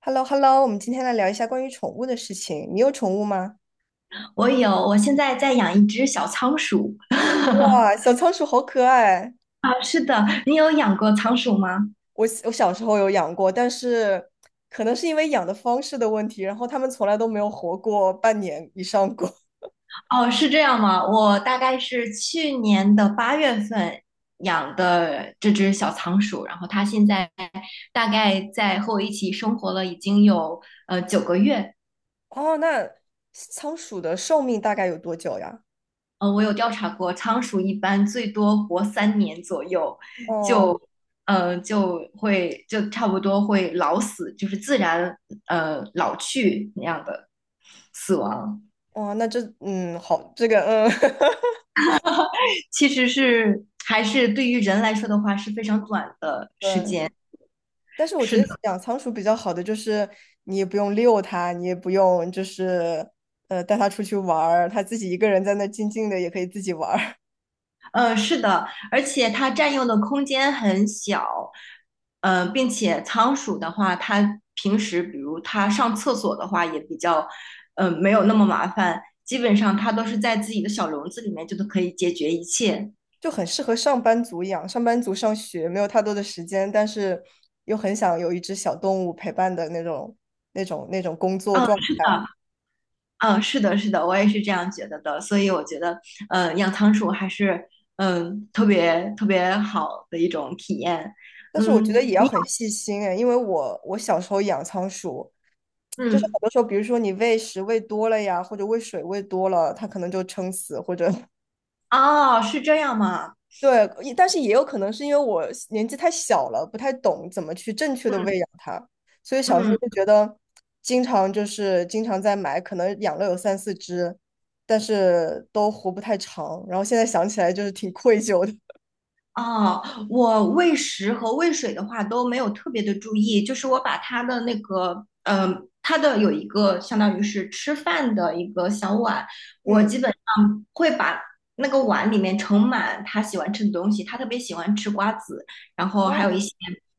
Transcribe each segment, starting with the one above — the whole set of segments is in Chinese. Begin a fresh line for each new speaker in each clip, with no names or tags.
h e l l o h e l l o 我们今天来聊一下关于宠物的事情。你有宠物吗？
我有，我现在在养一只小仓鼠。
哇，小仓鼠好可爱！
啊，是的，你有养过仓鼠吗？
我小时候有养过，但是可能是因为养的方式的问题，然后它们从来都没有活过半年以上过。
哦，是这样吗？我大概是去年的八月份养的这只小仓鼠，然后它现在大概在和我一起生活了已经有9个月。
哦，那仓鼠的寿命大概有多久呀？
我有调查过，仓鼠一般最多活3年左右，
哦，
就就差不多会老死，就是自然老去那样的死亡。
哦，那这，好，这个，
其实是还是对于人来说的话是非常短的 时间。
对。但是我觉得养仓鼠比较好的就是你也不用遛它，你也不用就是带它出去玩儿，它自己一个人在那静静的也可以自己玩儿，
是的，而且它占用的空间很小，并且仓鼠的话，它平时比如它上厕所的话也比较，没有那么麻烦，基本上它都是在自己的小笼子里面就都可以解决一切。
就很适合上班族养。上班族上学没有太多的时间，但是又很想有一只小动物陪伴的那种工作
嗯，
状
是
态。
的，嗯，是的，是的，我也是这样觉得的，所以我觉得，养仓鼠还是，特别特别好的一种体验。
但是我觉
嗯，
得也要很细心哎，因为我小时候养仓鼠。就是
嗯，
很多时候，比如说你喂食喂多了呀，或者喂水喂多了，它可能就撑死，或者
哦，是这样吗？
对，也但是也有可能是因为我年纪太小了，不太懂怎么去正确的
嗯，
喂养它，所以小时
嗯，
候就觉得，经常就是经常在买，可能养了有3、4只，但是都活不太长。然后现在想起来就是挺愧疚的。
哦，我喂食和喂水的话都没有特别的注意，就是我把它的那个，它的有一个相当于是吃饭的一个小碗，我
嗯，
基本上会把那个碗里面盛满它喜欢吃的东西，它特别喜欢吃瓜子，然后还有一
哦
些，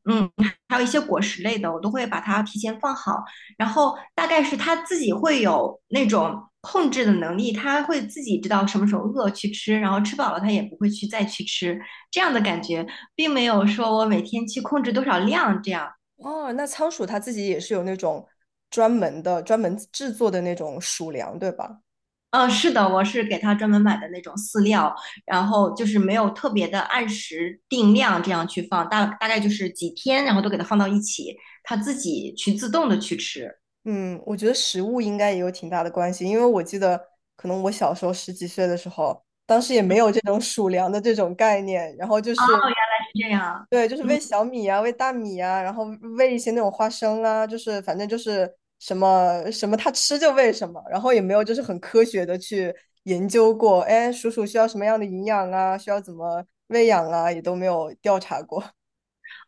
嗯，还有一些果实类的，我都会把它提前放好，然后大概是他自己会有那种控制的能力，他会自己知道什么时候饿去吃，然后吃饱了他也不会再去吃，这样的感觉，并没有说我每天去控制多少量这样。
哦，那仓鼠它自己也是有那种专门的、专门制作的那种鼠粮，对吧？
嗯，是的，我是给他专门买的那种饲料，然后就是没有特别的按时定量这样去放，大概就是几天，然后都给他放到一起，他自己去自动的去吃
嗯，我觉得食物应该也有挺大的关系，因为我记得可能我小时候十几岁的时候，当时也没有这种鼠粮的这种概念，然后就
啊，
是
是这样，
对，就是
嗯。
喂小米啊，喂大米啊，然后喂一些那种花生啊，就是反正就是什么什么它吃就喂什么，然后也没有就是很科学的去研究过，哎，鼠鼠需要什么样的营养啊，需要怎么喂养啊，也都没有调查过。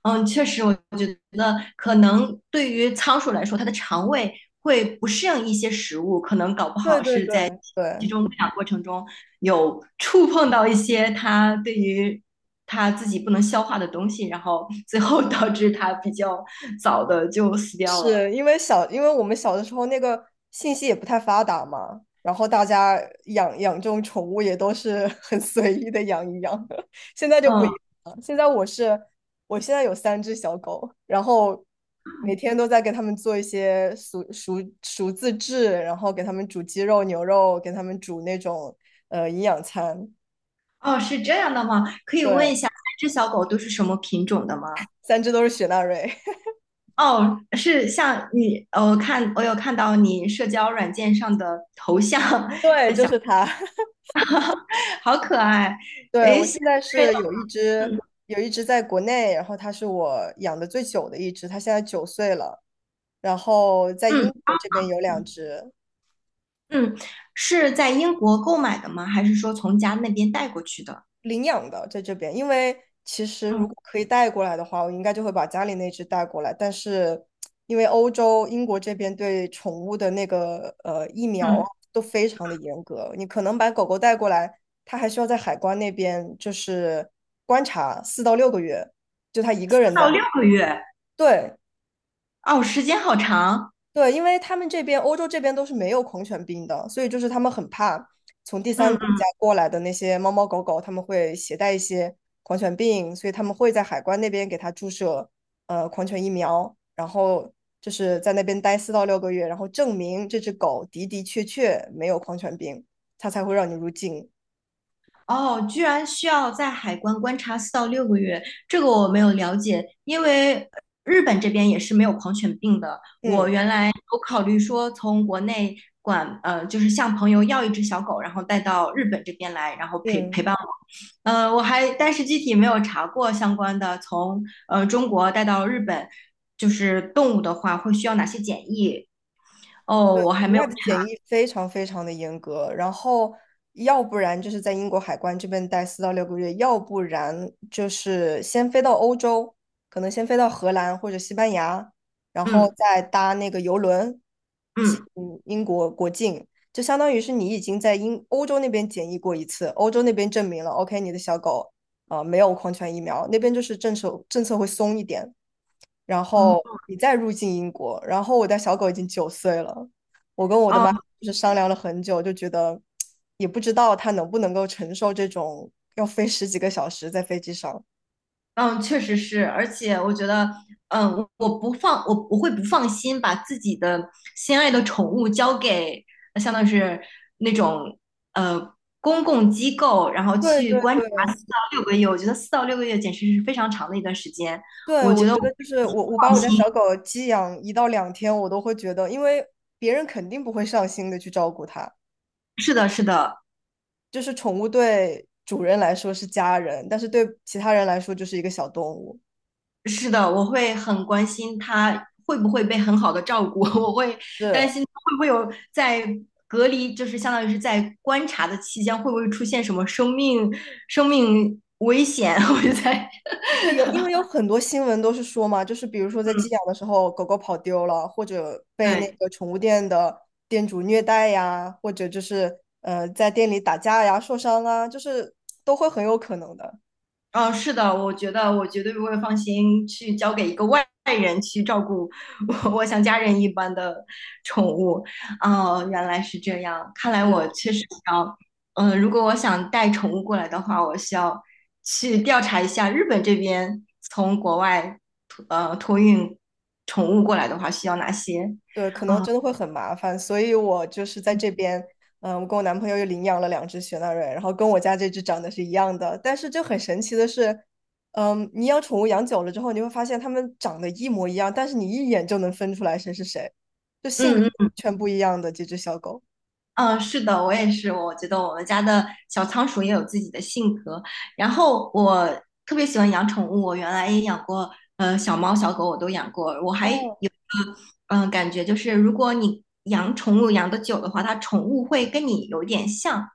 嗯，确实，我觉得可能对于仓鼠来说，它的肠胃会不适应一些食物，可能搞不
对
好
对
是
对，
在集
对，
中喂养过程中有触碰到一些它对于它自己不能消化的东西，然后 最后导致它比较早的就死掉了。
是因为小，因为我们小的时候那个信息也不太发达嘛，然后大家养养这种宠物也都是 很随意的养一养，现在就不一
嗯，
样了。现在我现在有三只小狗，然后每天都在给它们做一些熟自制，然后给它们煮鸡肉、牛肉，给它们煮那种营养餐。
哦，是这样的吗？可以问一
对，
下，三只小狗都是什么品种的吗？
三只都是雪纳瑞，
哦，是像你，我有看到你社交软件上的头像，
对，就是它。
好可爱。
对，
诶，
我
现
现在
在
是有一只，
嗯
有一只在国内，然后它是我养的最久的一只，它现在九岁了。然后在
嗯
英国这边有两只
嗯，是在英国购买的吗？还是说从家那边带过去的？
领养的，在这边，因为其实如
嗯
果可以带过来的话，我应该就会把家里那只带过来。但是因为欧洲英国这边对宠物的那个疫苗
嗯，
都非常的严格，你可能把狗狗带过来，它还需要在海关那边就是观察四到六个月，就它一个
四
人
到
在那。
六个月，
对，
哦，时间好长。
对，因为他们这边欧洲这边都是没有狂犬病的，所以就是他们很怕从第三国
嗯，
家过来的那些猫猫狗狗，他们会携带一些狂犬病，所以他们会在海关那边给它注射狂犬疫苗，然后就是在那边待四到六个月，然后证明这只狗的的确确没有狂犬病，它才会让你入境。
哦，居然需要在海关观察四到六个月，这个我没有了解，因为日本这边也是没有狂犬病的。我
嗯
原来有考虑说从国内管，就是向朋友要一只小狗，然后带到日本这边来，然后陪
嗯。
陪伴我。我还但是具体没有查过相关的，从中国带到日本，就是动物的话会需要哪些检疫？哦，我还
国
没有
外的
查。
检疫非常非常的严格，然后要不然就是在英国海关这边待四到六个月，要不然就是先飞到欧洲，可能先飞到荷兰或者西班牙，然后
嗯
再搭那个游轮进
嗯，
英国国境，就相当于是你已经在欧洲那边检疫过一次，欧洲那边证明了 OK 你的小狗啊、没有狂犬疫苗，那边就是政策会松一点，然后
哦
你再入境英国，然后我家小狗已经九岁了。
哦
就是商量了很久，就觉得也不知道他能不能够承受这种要飞十几个小时在飞机上。
嗯，确实是，而且我觉得，我会不放心把自己的心爱的宠物交给，相当于是那种呃公共机构，然后
对
去
对
观察
对
四到六个月。我觉得四到六个月简直是非常长的一段时间。
对，
我
我
觉得
觉得
我
就是我把我家小狗寄养1到2天，我都会觉得，因为别人肯定不会上心的去照顾它，
是的，是的。
就是宠物对主人来说是家人，但是对其他人来说就是一个小动物。
是的，我会很关心他会不会被很好的照顾，我会担
是，
心他会不会有在隔离，就是相当于是在观察的期间，会不会出现什么生命危险？我就在，
是有，因为有很多新闻都是说嘛，就是比如说在寄
嗯，
养的时候，狗狗跑丢了，或者被那
对。
个宠物店的店主虐待呀，或者就是在店里打架呀、受伤啊，就是都会很有可能的。
哦，是的，我觉得我绝对不会放心去交给一个外人去照顾 我像家人一般的宠物。哦，原来是这样，看来我
是
确实需要，如果我想带宠物过来的话，我需要去调查一下日本这边从国外托运宠物过来的话需要哪些。
对，可能
啊，
真的会很麻烦，所以我就是在这边，嗯，我跟我男朋友又领养了两只雪纳瑞，然后跟我家这只长得是一样的，但是就很神奇的是，嗯，你养宠物养久了之后，你会发现它们长得一模一样，但是你一眼就能分出来谁是谁，就性格
嗯
完
嗯
全不一样的几只小狗。
嗯，是的，我也是。我觉得我们家的小仓鼠也有自己的性格。然后我特别喜欢养宠物，我原来也养过，小猫、小狗我都养过。我还
哦，
有，感觉就是如果你养宠物养得久的话，它宠物会跟你有点像，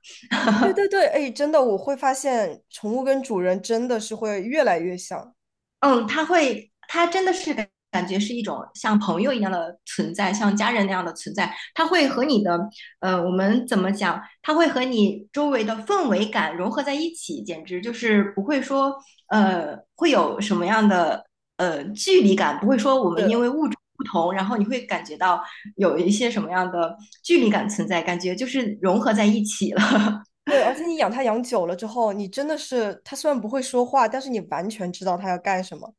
对对对，哎，真的，我会发现宠物跟主人真的是会越来越像。
嗯，他真的是感觉是一种像朋友一样的存在，像家人那样的存在。他会和你的，我们怎么讲？他会和你周围的氛围感融合在一起，简直就是不会说，会有什么样的距离感，不会说我们因
是，
为物种不同，然后你会感觉到有一些什么样的距离感存在，感觉就是融合在一起了。
对，而且你养它养久了之后，你真的是它虽然不会说话，但是你完全知道它要干什么。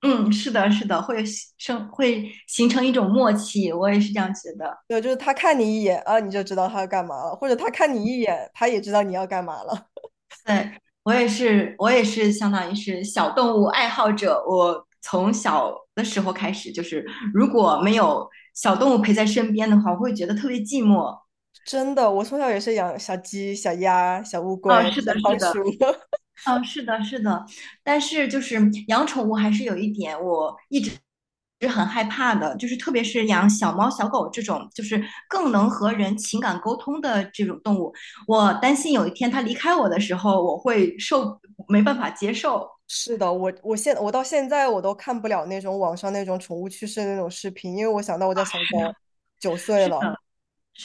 嗯，是的，是的，会形成一种默契，我也是这样觉得。
对，就是他看你一眼啊，你就知道他要干嘛了，或者他看你一眼，他也知道你要干嘛了。
对，我也是，我也是相当于是小动物爱好者。我从小的时候开始，就是如果没有小动物陪在身边的话，我会觉得特别寂寞。
真的，我从小也是养小鸡、小鸭、小乌
哦，
龟、
是
小
的，是
仓
的，
鼠。
哦，是的，是的。但是就是养宠物还是有一点我一直是很害怕的，就是特别是养小猫、小狗这种，就是更能和人情感沟通的这种动物，我担心有一天它离开我的时候，我会受没办法接受。
是的，我到现在都看不了那种网上那种宠物去世的那种视频，因为我想到我家小狗九岁
是
了，
的，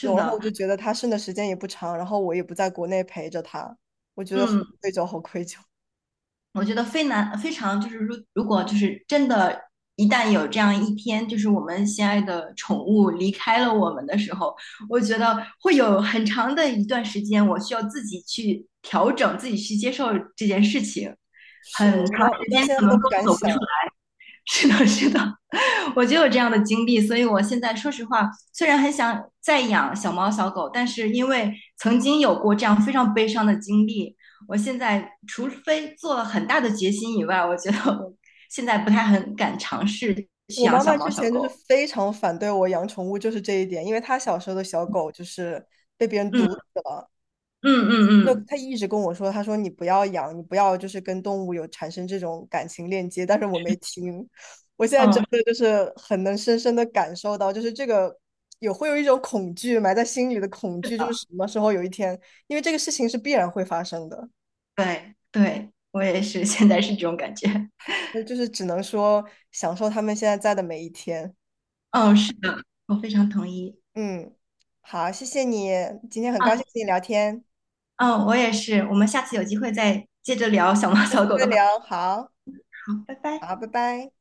然后
的。
我就觉得它剩的时间也不长，然后我也不在国内陪着它，我觉得好
嗯，
愧疚，好愧疚。
我觉得非常就是如果就是真的，一旦有这样一天，就是我们心爱的宠物离开了我们的时候，我觉得会有很长的一段时间，我需要自己去调整，自己去接受这件事情，很
是
长
我到我
时
到
间
现在
可能
都
都
不敢
走不
想。
出。是的，是的，我就有这样的经历，所以我现在说实话，虽然很想再养小猫小狗，但是因为曾经有过这样非常悲伤的经历，我现在除非做了很大的决心以外，我觉得我现在不太很敢尝试去
我
养
妈
小
妈
猫
之
小
前就是
狗。
非常反对我养宠物，就是这一点，因为她小时候的小狗就是被别人毒
嗯
死了，
嗯
那
嗯
她一直跟我说，她说你不要养，你不要就是跟动物有产生这种感情链接，但是我没听，我现在
嗯
真
嗯，
的就是很能深深的感受到，就是这个会有一种恐惧埋在心里的恐惧，就是什么时候有一天，因为这个事情是必然会发生的，
对对，我也是，现在是这种感觉。
那就是只能说享受他们现在在的每一天，
嗯，是的，我非常同意。
嗯。好，谢谢你，今天很
啊，
高兴跟你聊天。
嗯，我也是。我们下次有机会再接着聊小猫
下
小
次
狗
再
的话
聊，
题。
好，
好，拜拜。
好，拜拜。